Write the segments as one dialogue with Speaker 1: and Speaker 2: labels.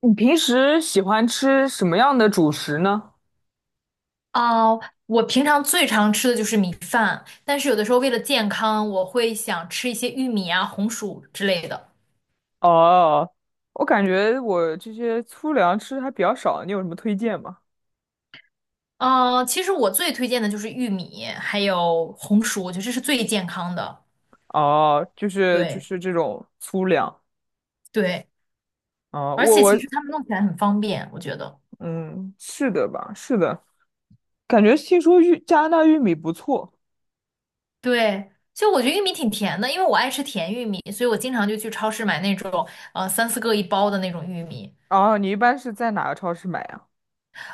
Speaker 1: 你平时喜欢吃什么样的主食呢？
Speaker 2: 哦，我平常最常吃的就是米饭，但是有的时候为了健康，我会想吃一些玉米啊、红薯之类的。
Speaker 1: 哦，我感觉我这些粗粮吃的还比较少，你有什么推荐吗？
Speaker 2: 嗯、其实我最推荐的就是玉米，还有红薯，我觉得这是最健康的。
Speaker 1: 哦，就是就
Speaker 2: 对
Speaker 1: 是这种粗粮。
Speaker 2: 对，
Speaker 1: 啊、
Speaker 2: 而且其实他们弄起来很方便，我觉得。
Speaker 1: 嗯，是的吧，是的。感觉听说加拿大玉米不错。
Speaker 2: 对，就我觉得玉米挺甜的，因为我爱吃甜玉米，所以我经常就去超市买那种三四个一包的那种玉米。
Speaker 1: 哦，你一般是在哪个超市买呀？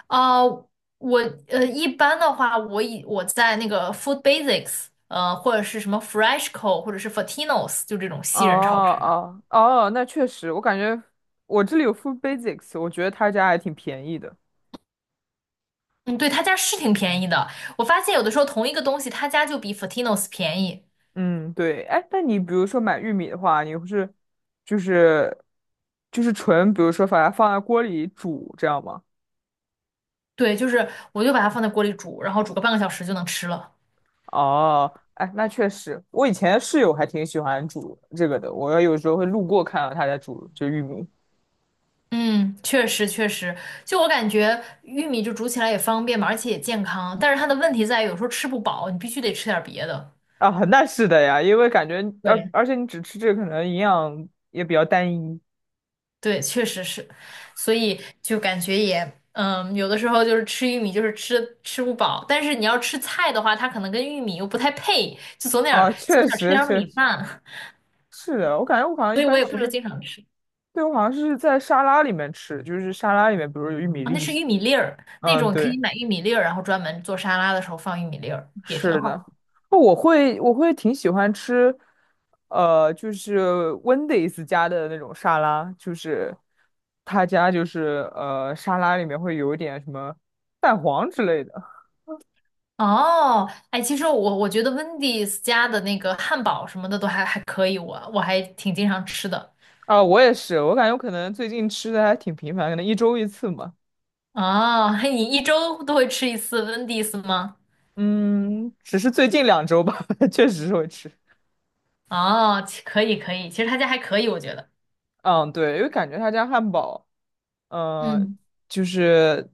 Speaker 2: 啊，呃我呃，一般的话，我在那个 Food Basics,或者是什么 Freshco，或者是 Fortinos，就这种
Speaker 1: 哦
Speaker 2: 西人超市的。
Speaker 1: 哦哦，那确实，我感觉我这里有 Food Basics,我觉得他家还挺便宜的。
Speaker 2: 嗯，对，他家是挺便宜的。我发现有的时候同一个东西，他家就比 Fortinos 便宜。
Speaker 1: 嗯，对，哎，那你比如说买玉米的话，你是就是就是纯，比如说把它放在锅里煮，这样吗？
Speaker 2: 对，就是我就把它放在锅里煮，然后煮个半个小时就能吃了。
Speaker 1: 哦，哎，那确实，我以前室友还挺喜欢煮这个的，我有时候会路过看到他在煮这玉米。
Speaker 2: 嗯，确实确实，就我感觉玉米就煮起来也方便嘛，而且也健康。但是它的问题在于有时候吃不饱，你必须得吃点别的。
Speaker 1: 啊，那是的呀。因为感觉而
Speaker 2: 对。
Speaker 1: 而且你只吃这个，可能营养也比较单一。
Speaker 2: 对，确实是，所以就感觉也，有的时候就是吃玉米就是吃不饱，但是你要吃菜的话，它可能跟玉米又不太配，就总点
Speaker 1: 啊，
Speaker 2: 儿总
Speaker 1: 确
Speaker 2: 点吃
Speaker 1: 实
Speaker 2: 点儿
Speaker 1: 确
Speaker 2: 米
Speaker 1: 实
Speaker 2: 饭，
Speaker 1: 是的。我感觉我好像一
Speaker 2: 所以我
Speaker 1: 般
Speaker 2: 也不是
Speaker 1: 是，
Speaker 2: 经常吃。
Speaker 1: 对，我好像是在沙拉里面吃，就是沙拉里面，比如有玉米
Speaker 2: 那是
Speaker 1: 粒。
Speaker 2: 玉米粒儿，那
Speaker 1: 嗯，
Speaker 2: 种可
Speaker 1: 对。
Speaker 2: 以买玉米粒儿，然后专门做沙拉的时候放玉米粒儿，也挺
Speaker 1: 是
Speaker 2: 好
Speaker 1: 的，
Speaker 2: 的。
Speaker 1: 那我会挺喜欢吃，就是 Wendy's 家的那种沙拉，就是他家就是沙拉里面会有一点什么蛋黄之类的。
Speaker 2: 哦，哎，其实我觉得 Wendy's 家的那个汉堡什么的都还可以，我还挺经常吃的。
Speaker 1: 啊，我也是。我感觉我可能最近吃的还挺频繁，可能一周一次嘛。
Speaker 2: 哦，嘿，你一周都会吃一次 Wendy's 吗？
Speaker 1: 嗯，只是最近2周吧，确实是会吃。
Speaker 2: 哦，可以可以，其实他家还可以，我觉得。
Speaker 1: 嗯，对，因为感觉他家汉堡，呃，
Speaker 2: 嗯，
Speaker 1: 就是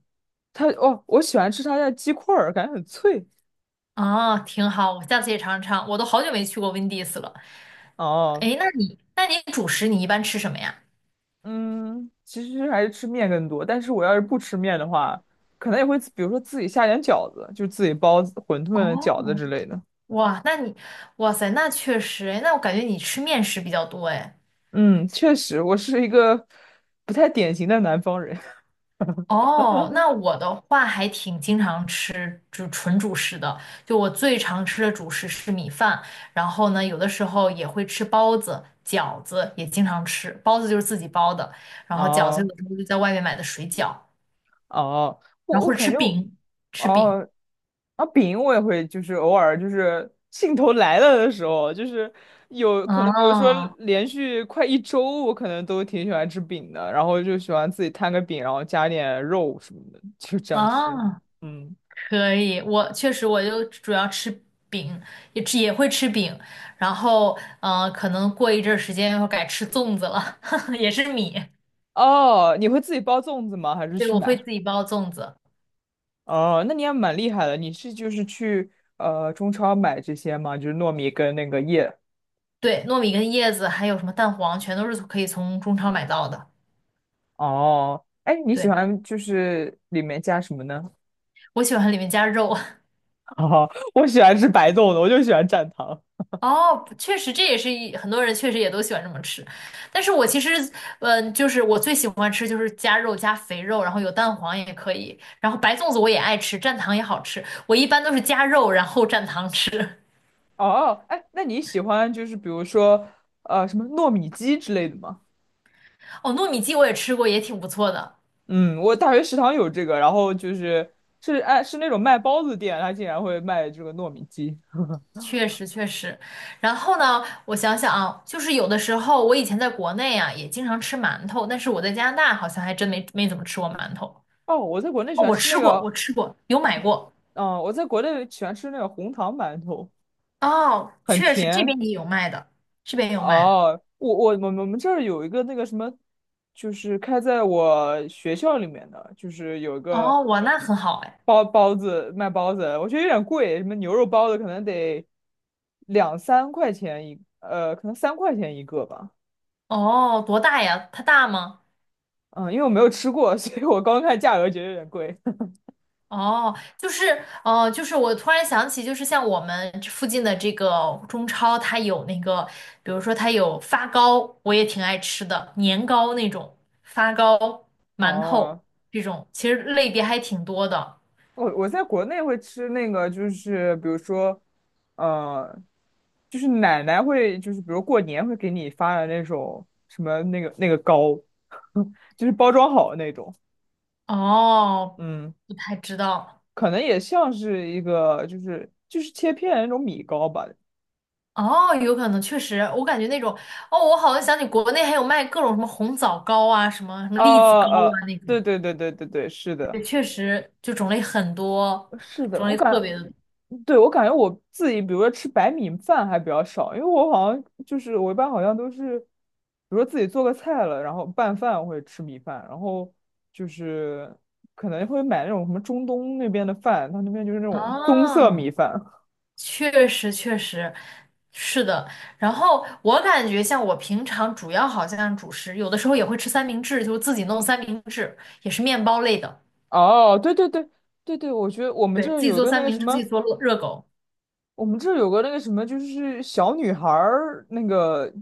Speaker 1: 他哦，我喜欢吃他家鸡块儿，感觉很脆。
Speaker 2: 哦，挺好，我下次也尝尝。我都好久没去过 Wendy's 了。
Speaker 1: 哦，
Speaker 2: 哎，那你主食你一般吃什么呀？
Speaker 1: 嗯，其实还是吃面更多。但是我要是不吃面的话，可能也会比如说自己下点饺子，就自己包子馄饨、饺
Speaker 2: 哦，
Speaker 1: 子之类的。
Speaker 2: 哇，那你，哇塞，那确实，哎，那我感觉你吃面食比较多，哎。
Speaker 1: 嗯，确实，我是一个不太典型的南方人。
Speaker 2: 哦，那 我的话还挺经常吃就纯主食的，就我最常吃的主食是米饭，然后呢，有的时候也会吃包子、饺子，也经常吃。包子就是自己包的，然后饺子
Speaker 1: 哦
Speaker 2: 有的时候就在外面买的水饺。
Speaker 1: 哦，
Speaker 2: 然
Speaker 1: 我
Speaker 2: 后
Speaker 1: 我
Speaker 2: 或者
Speaker 1: 感
Speaker 2: 吃
Speaker 1: 觉我，
Speaker 2: 饼，吃饼。
Speaker 1: 哦，啊，饼我也会，就是偶尔就是兴头来了的时候，就是有可能，比如说
Speaker 2: 哦
Speaker 1: 连续快一周，我可能都挺喜欢吃饼的，然后就喜欢自己摊个饼，然后加点肉什么的，就这样吃。
Speaker 2: 哦，
Speaker 1: 嗯，
Speaker 2: 可以。我确实我就主要吃饼，也会吃饼。然后可能过一阵儿时间要改吃粽子了，也是米。
Speaker 1: 哦，你会自己包粽子吗？还是
Speaker 2: 对，
Speaker 1: 去
Speaker 2: 我会
Speaker 1: 买？
Speaker 2: 自己包粽子。
Speaker 1: 哦，那你也蛮厉害的，你是就是去中超买这些吗？就是糯米跟那个叶。
Speaker 2: 对，糯米跟叶子还有什么蛋黄，全都是可以从中超买到的。
Speaker 1: 哦，哎，你喜
Speaker 2: 对，
Speaker 1: 欢就是里面加什么呢？
Speaker 2: 我喜欢里面加肉。
Speaker 1: 哦，我喜欢吃白粽子，我就喜欢蘸糖。
Speaker 2: 哦，确实，这也是很多人确实也都喜欢这么吃，但是我其实，就是我最喜欢吃就是加肉加肥肉，然后有蛋黄也可以，然后白粽子我也爱吃，蘸糖也好吃，我一般都是加肉然后蘸糖吃。
Speaker 1: 哦，哎，那你喜欢就是比如说什么糯米鸡之类的吗？
Speaker 2: 哦，糯米鸡我也吃过，也挺不错的，
Speaker 1: 嗯，我大学食堂有这个，然后就是是那种卖包子店，它竟然会卖这个糯米鸡。
Speaker 2: 确实确实。然后呢，我想想啊，就是有的时候我以前在国内啊也经常吃馒头，但是我在加拿大好像还真没怎么吃过馒头。
Speaker 1: 哦，
Speaker 2: 哦，我吃过，我吃过，有买过。
Speaker 1: 我在国内喜欢吃那个红糖馒头，
Speaker 2: 哦，
Speaker 1: 很
Speaker 2: 确实这
Speaker 1: 甜。
Speaker 2: 边也有卖的，这边也有卖的。
Speaker 1: 哦，我们这儿有一个那个什么，就是开在我学校里面的，就是有一个
Speaker 2: 哦，哇，那很好哎。
Speaker 1: 包包子卖包子。我觉得有点贵，什么牛肉包子可能得两三块钱一，可能三块钱一个吧。
Speaker 2: 哦，多大呀？它大吗？
Speaker 1: 嗯，因为我没有吃过，所以我刚看价格觉得有点贵。
Speaker 2: 就是我突然想起，就是像我们这附近的这个中超，它有那个，比如说它有发糕，我也挺爱吃的，年糕那种，发糕、馒头
Speaker 1: 哦，
Speaker 2: 这种，其实类别还挺多的。
Speaker 1: 我在国内会吃那个，就是比如说，呃，就是奶奶会，就是比如过年会给你发的那种什么那个糕，就是包装好的那种。
Speaker 2: 哦，
Speaker 1: 嗯，
Speaker 2: 不太知道。
Speaker 1: 可能也像是一个就是切片的那种米糕吧。
Speaker 2: 哦，有可能，确实，我感觉那种，哦，我好像想起国内还有卖各种什么红枣糕啊，什么什么
Speaker 1: 啊
Speaker 2: 栗子糕
Speaker 1: 啊，
Speaker 2: 啊那种，
Speaker 1: 对对对对对对，是的，
Speaker 2: 对，确实就种类很多，
Speaker 1: 是的，
Speaker 2: 种类特别的多。
Speaker 1: 对，我感觉我自己，比如说吃白米饭还比较少，因为我好像就是我一般好像都是，比如说自己做个菜了，然后拌饭或者吃米饭，然后就是可能会买那种什么中东那边的饭，他那边就是那种棕色
Speaker 2: 啊，
Speaker 1: 米饭。
Speaker 2: 确实确实是的。然后我感觉像我平常主要好像主食，有的时候也会吃三明治，就是自己弄三明治，也是面包类的。
Speaker 1: 哦，对对对对对，我觉得我们这
Speaker 2: 对，
Speaker 1: 儿
Speaker 2: 自己
Speaker 1: 有
Speaker 2: 做
Speaker 1: 个那
Speaker 2: 三
Speaker 1: 个
Speaker 2: 明
Speaker 1: 什
Speaker 2: 治，自己
Speaker 1: 么，
Speaker 2: 做热狗。
Speaker 1: 我们这儿有个那个什么，就是小女孩儿那个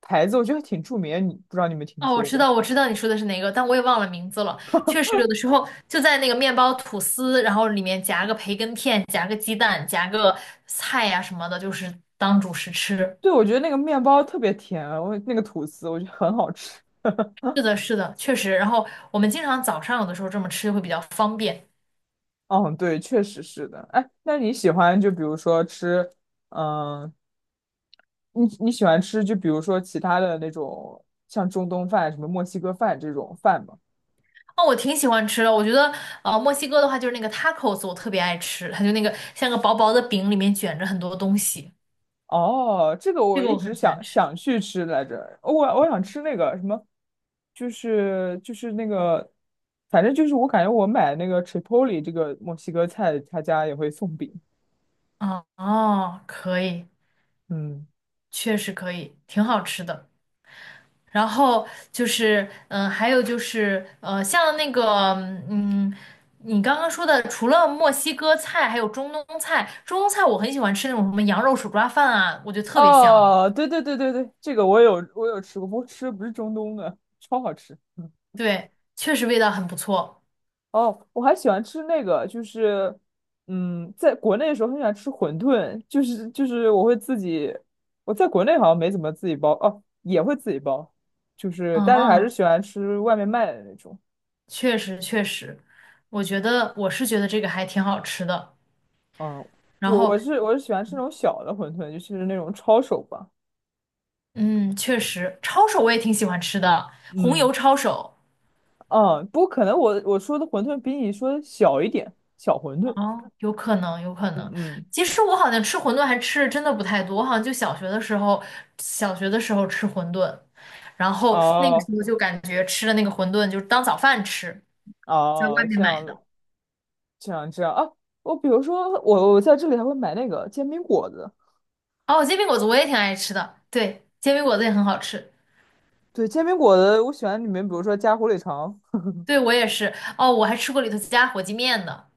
Speaker 1: 牌子，我觉得挺著名的，你不知道你有没有听
Speaker 2: 哦，我
Speaker 1: 说
Speaker 2: 知
Speaker 1: 过？
Speaker 2: 道，我知道你说的是哪个，但我也忘了名字了。确实，有的时候就在那个面包吐司，然后里面夹个培根片，夹个鸡蛋，夹个菜呀、什么的，就是当主食吃。
Speaker 1: 对，我觉得那个面包特别甜，我那个吐司我觉得很好吃。
Speaker 2: 是的，是的，确实。然后我们经常早上有的时候这么吃会比较方便。
Speaker 1: 哦，对，确实是的。哎，那你喜欢就比如说吃，嗯，你喜欢吃就比如说其他的那种像中东饭、什么墨西哥饭这种饭吗？
Speaker 2: 哦，我挺喜欢吃的。我觉得，呃，墨西哥的话就是那个 tacos，我特别爱吃，它就那个像个薄薄的饼，里面卷着很多东西，
Speaker 1: 哦，这个
Speaker 2: 这
Speaker 1: 我
Speaker 2: 个
Speaker 1: 一
Speaker 2: 我
Speaker 1: 直
Speaker 2: 很喜
Speaker 1: 想
Speaker 2: 欢吃。
Speaker 1: 想去吃来着，我想吃那个什么，就是那个，反正就是我感觉我买那个 Chipotle 这个墨西哥菜，他家也会送饼。
Speaker 2: 哦哦，可以，
Speaker 1: 嗯，
Speaker 2: 确实可以，挺好吃的。然后就是，嗯、还有就是，呃，像那个，嗯，你刚刚说的，除了墨西哥菜，还有中东菜。中东菜我很喜欢吃那种什么羊肉手抓饭啊，我觉得特别香。
Speaker 1: 哦，对对对对对，这个我有吃过，不过吃的不是中东的，超好吃。嗯
Speaker 2: 对，确实味道很不错。
Speaker 1: 哦，我还喜欢吃那个，就是，嗯，在国内的时候很喜欢吃馄饨，就是我会自己，我在国内好像没怎么自己包，哦，也会自己包，就是但是还是
Speaker 2: 嗯，
Speaker 1: 喜欢吃外面卖的那种。
Speaker 2: 确实确实，我觉得觉得这个还挺好吃的。
Speaker 1: 嗯，
Speaker 2: 然
Speaker 1: 我我
Speaker 2: 后，
Speaker 1: 是我是喜欢吃那种小的馄饨，就是那种抄手吧。
Speaker 2: 嗯，确实，抄手我也挺喜欢吃的，红
Speaker 1: 嗯
Speaker 2: 油抄手。
Speaker 1: 嗯，不过可能我说的馄饨比你说的小一点，小馄饨。
Speaker 2: 哦，有可能，有可
Speaker 1: 嗯
Speaker 2: 能。
Speaker 1: 嗯，
Speaker 2: 其实我好像吃馄饨还吃的真的不太多，我好像就小学的时候，小学的时候吃馄饨，然后那个时
Speaker 1: 哦
Speaker 2: 候就感觉吃的那个馄饨就是当早饭吃，在外
Speaker 1: 哦，
Speaker 2: 面
Speaker 1: 这
Speaker 2: 买
Speaker 1: 样
Speaker 2: 的。
Speaker 1: 子。这样啊，我比如说我在这里还会买那个煎饼果子，
Speaker 2: 哦，煎饼果子我也挺爱吃的，对，煎饼果子也很好吃。
Speaker 1: 对，煎饼果子我喜欢里面，比如说加火腿肠。
Speaker 2: 对，我也是。哦，我还吃过里头加火鸡面的。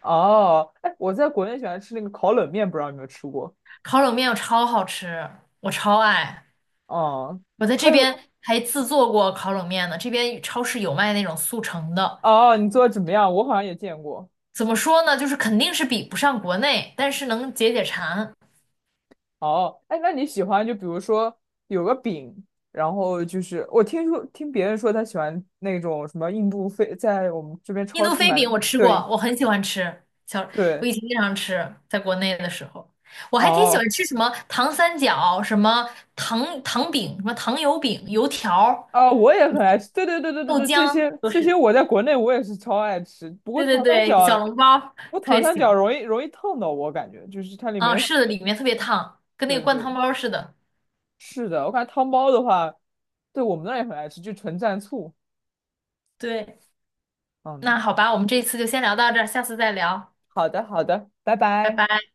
Speaker 1: 哦，哎，我在国内喜欢吃那个烤冷面，不知道你有没有吃过？
Speaker 2: 烤冷面我超好吃，我超爱。
Speaker 1: 哦，
Speaker 2: 我在
Speaker 1: 还
Speaker 2: 这
Speaker 1: 有
Speaker 2: 边还自做过烤冷面呢，这边超市有卖那种速成的。
Speaker 1: 哦，你做的怎么样？我好像也见过。
Speaker 2: 怎么说呢，就是肯定是比不上国内，但是能解解馋。
Speaker 1: 哦，哎，那你喜欢就比如说有个饼，然后就是我听说听别人说他喜欢那种什么印度飞，在我们这边
Speaker 2: 印
Speaker 1: 超
Speaker 2: 度
Speaker 1: 市
Speaker 2: 飞
Speaker 1: 买的，
Speaker 2: 饼我吃过，
Speaker 1: 对
Speaker 2: 我很喜欢吃，我
Speaker 1: 对，
Speaker 2: 以前经常吃，在国内的时候，我还挺喜
Speaker 1: 哦。
Speaker 2: 欢吃什么糖三角、什么糖糖饼、什么糖油饼、油条、
Speaker 1: 啊、我也很爱吃。对对对对对
Speaker 2: 豆
Speaker 1: 对，这
Speaker 2: 浆
Speaker 1: 些
Speaker 2: 都
Speaker 1: 这些
Speaker 2: 是。
Speaker 1: 我在国内我也是超爱吃。
Speaker 2: 对对对，小笼包
Speaker 1: 不过
Speaker 2: 特
Speaker 1: 糖
Speaker 2: 别
Speaker 1: 三
Speaker 2: 喜欢。
Speaker 1: 角容易烫到我，感觉就是它里
Speaker 2: 啊，
Speaker 1: 面
Speaker 2: 是
Speaker 1: 是，
Speaker 2: 的，里面特别烫，跟那个
Speaker 1: 对
Speaker 2: 灌
Speaker 1: 对，
Speaker 2: 汤包似的。
Speaker 1: 是的。我感觉汤包的话，对我们那儿也很爱吃，就纯蘸醋。
Speaker 2: 对，
Speaker 1: 嗯，
Speaker 2: 那好吧，我们这一次就先聊到这儿，下次再聊，
Speaker 1: 好的好的，拜
Speaker 2: 拜
Speaker 1: 拜。
Speaker 2: 拜。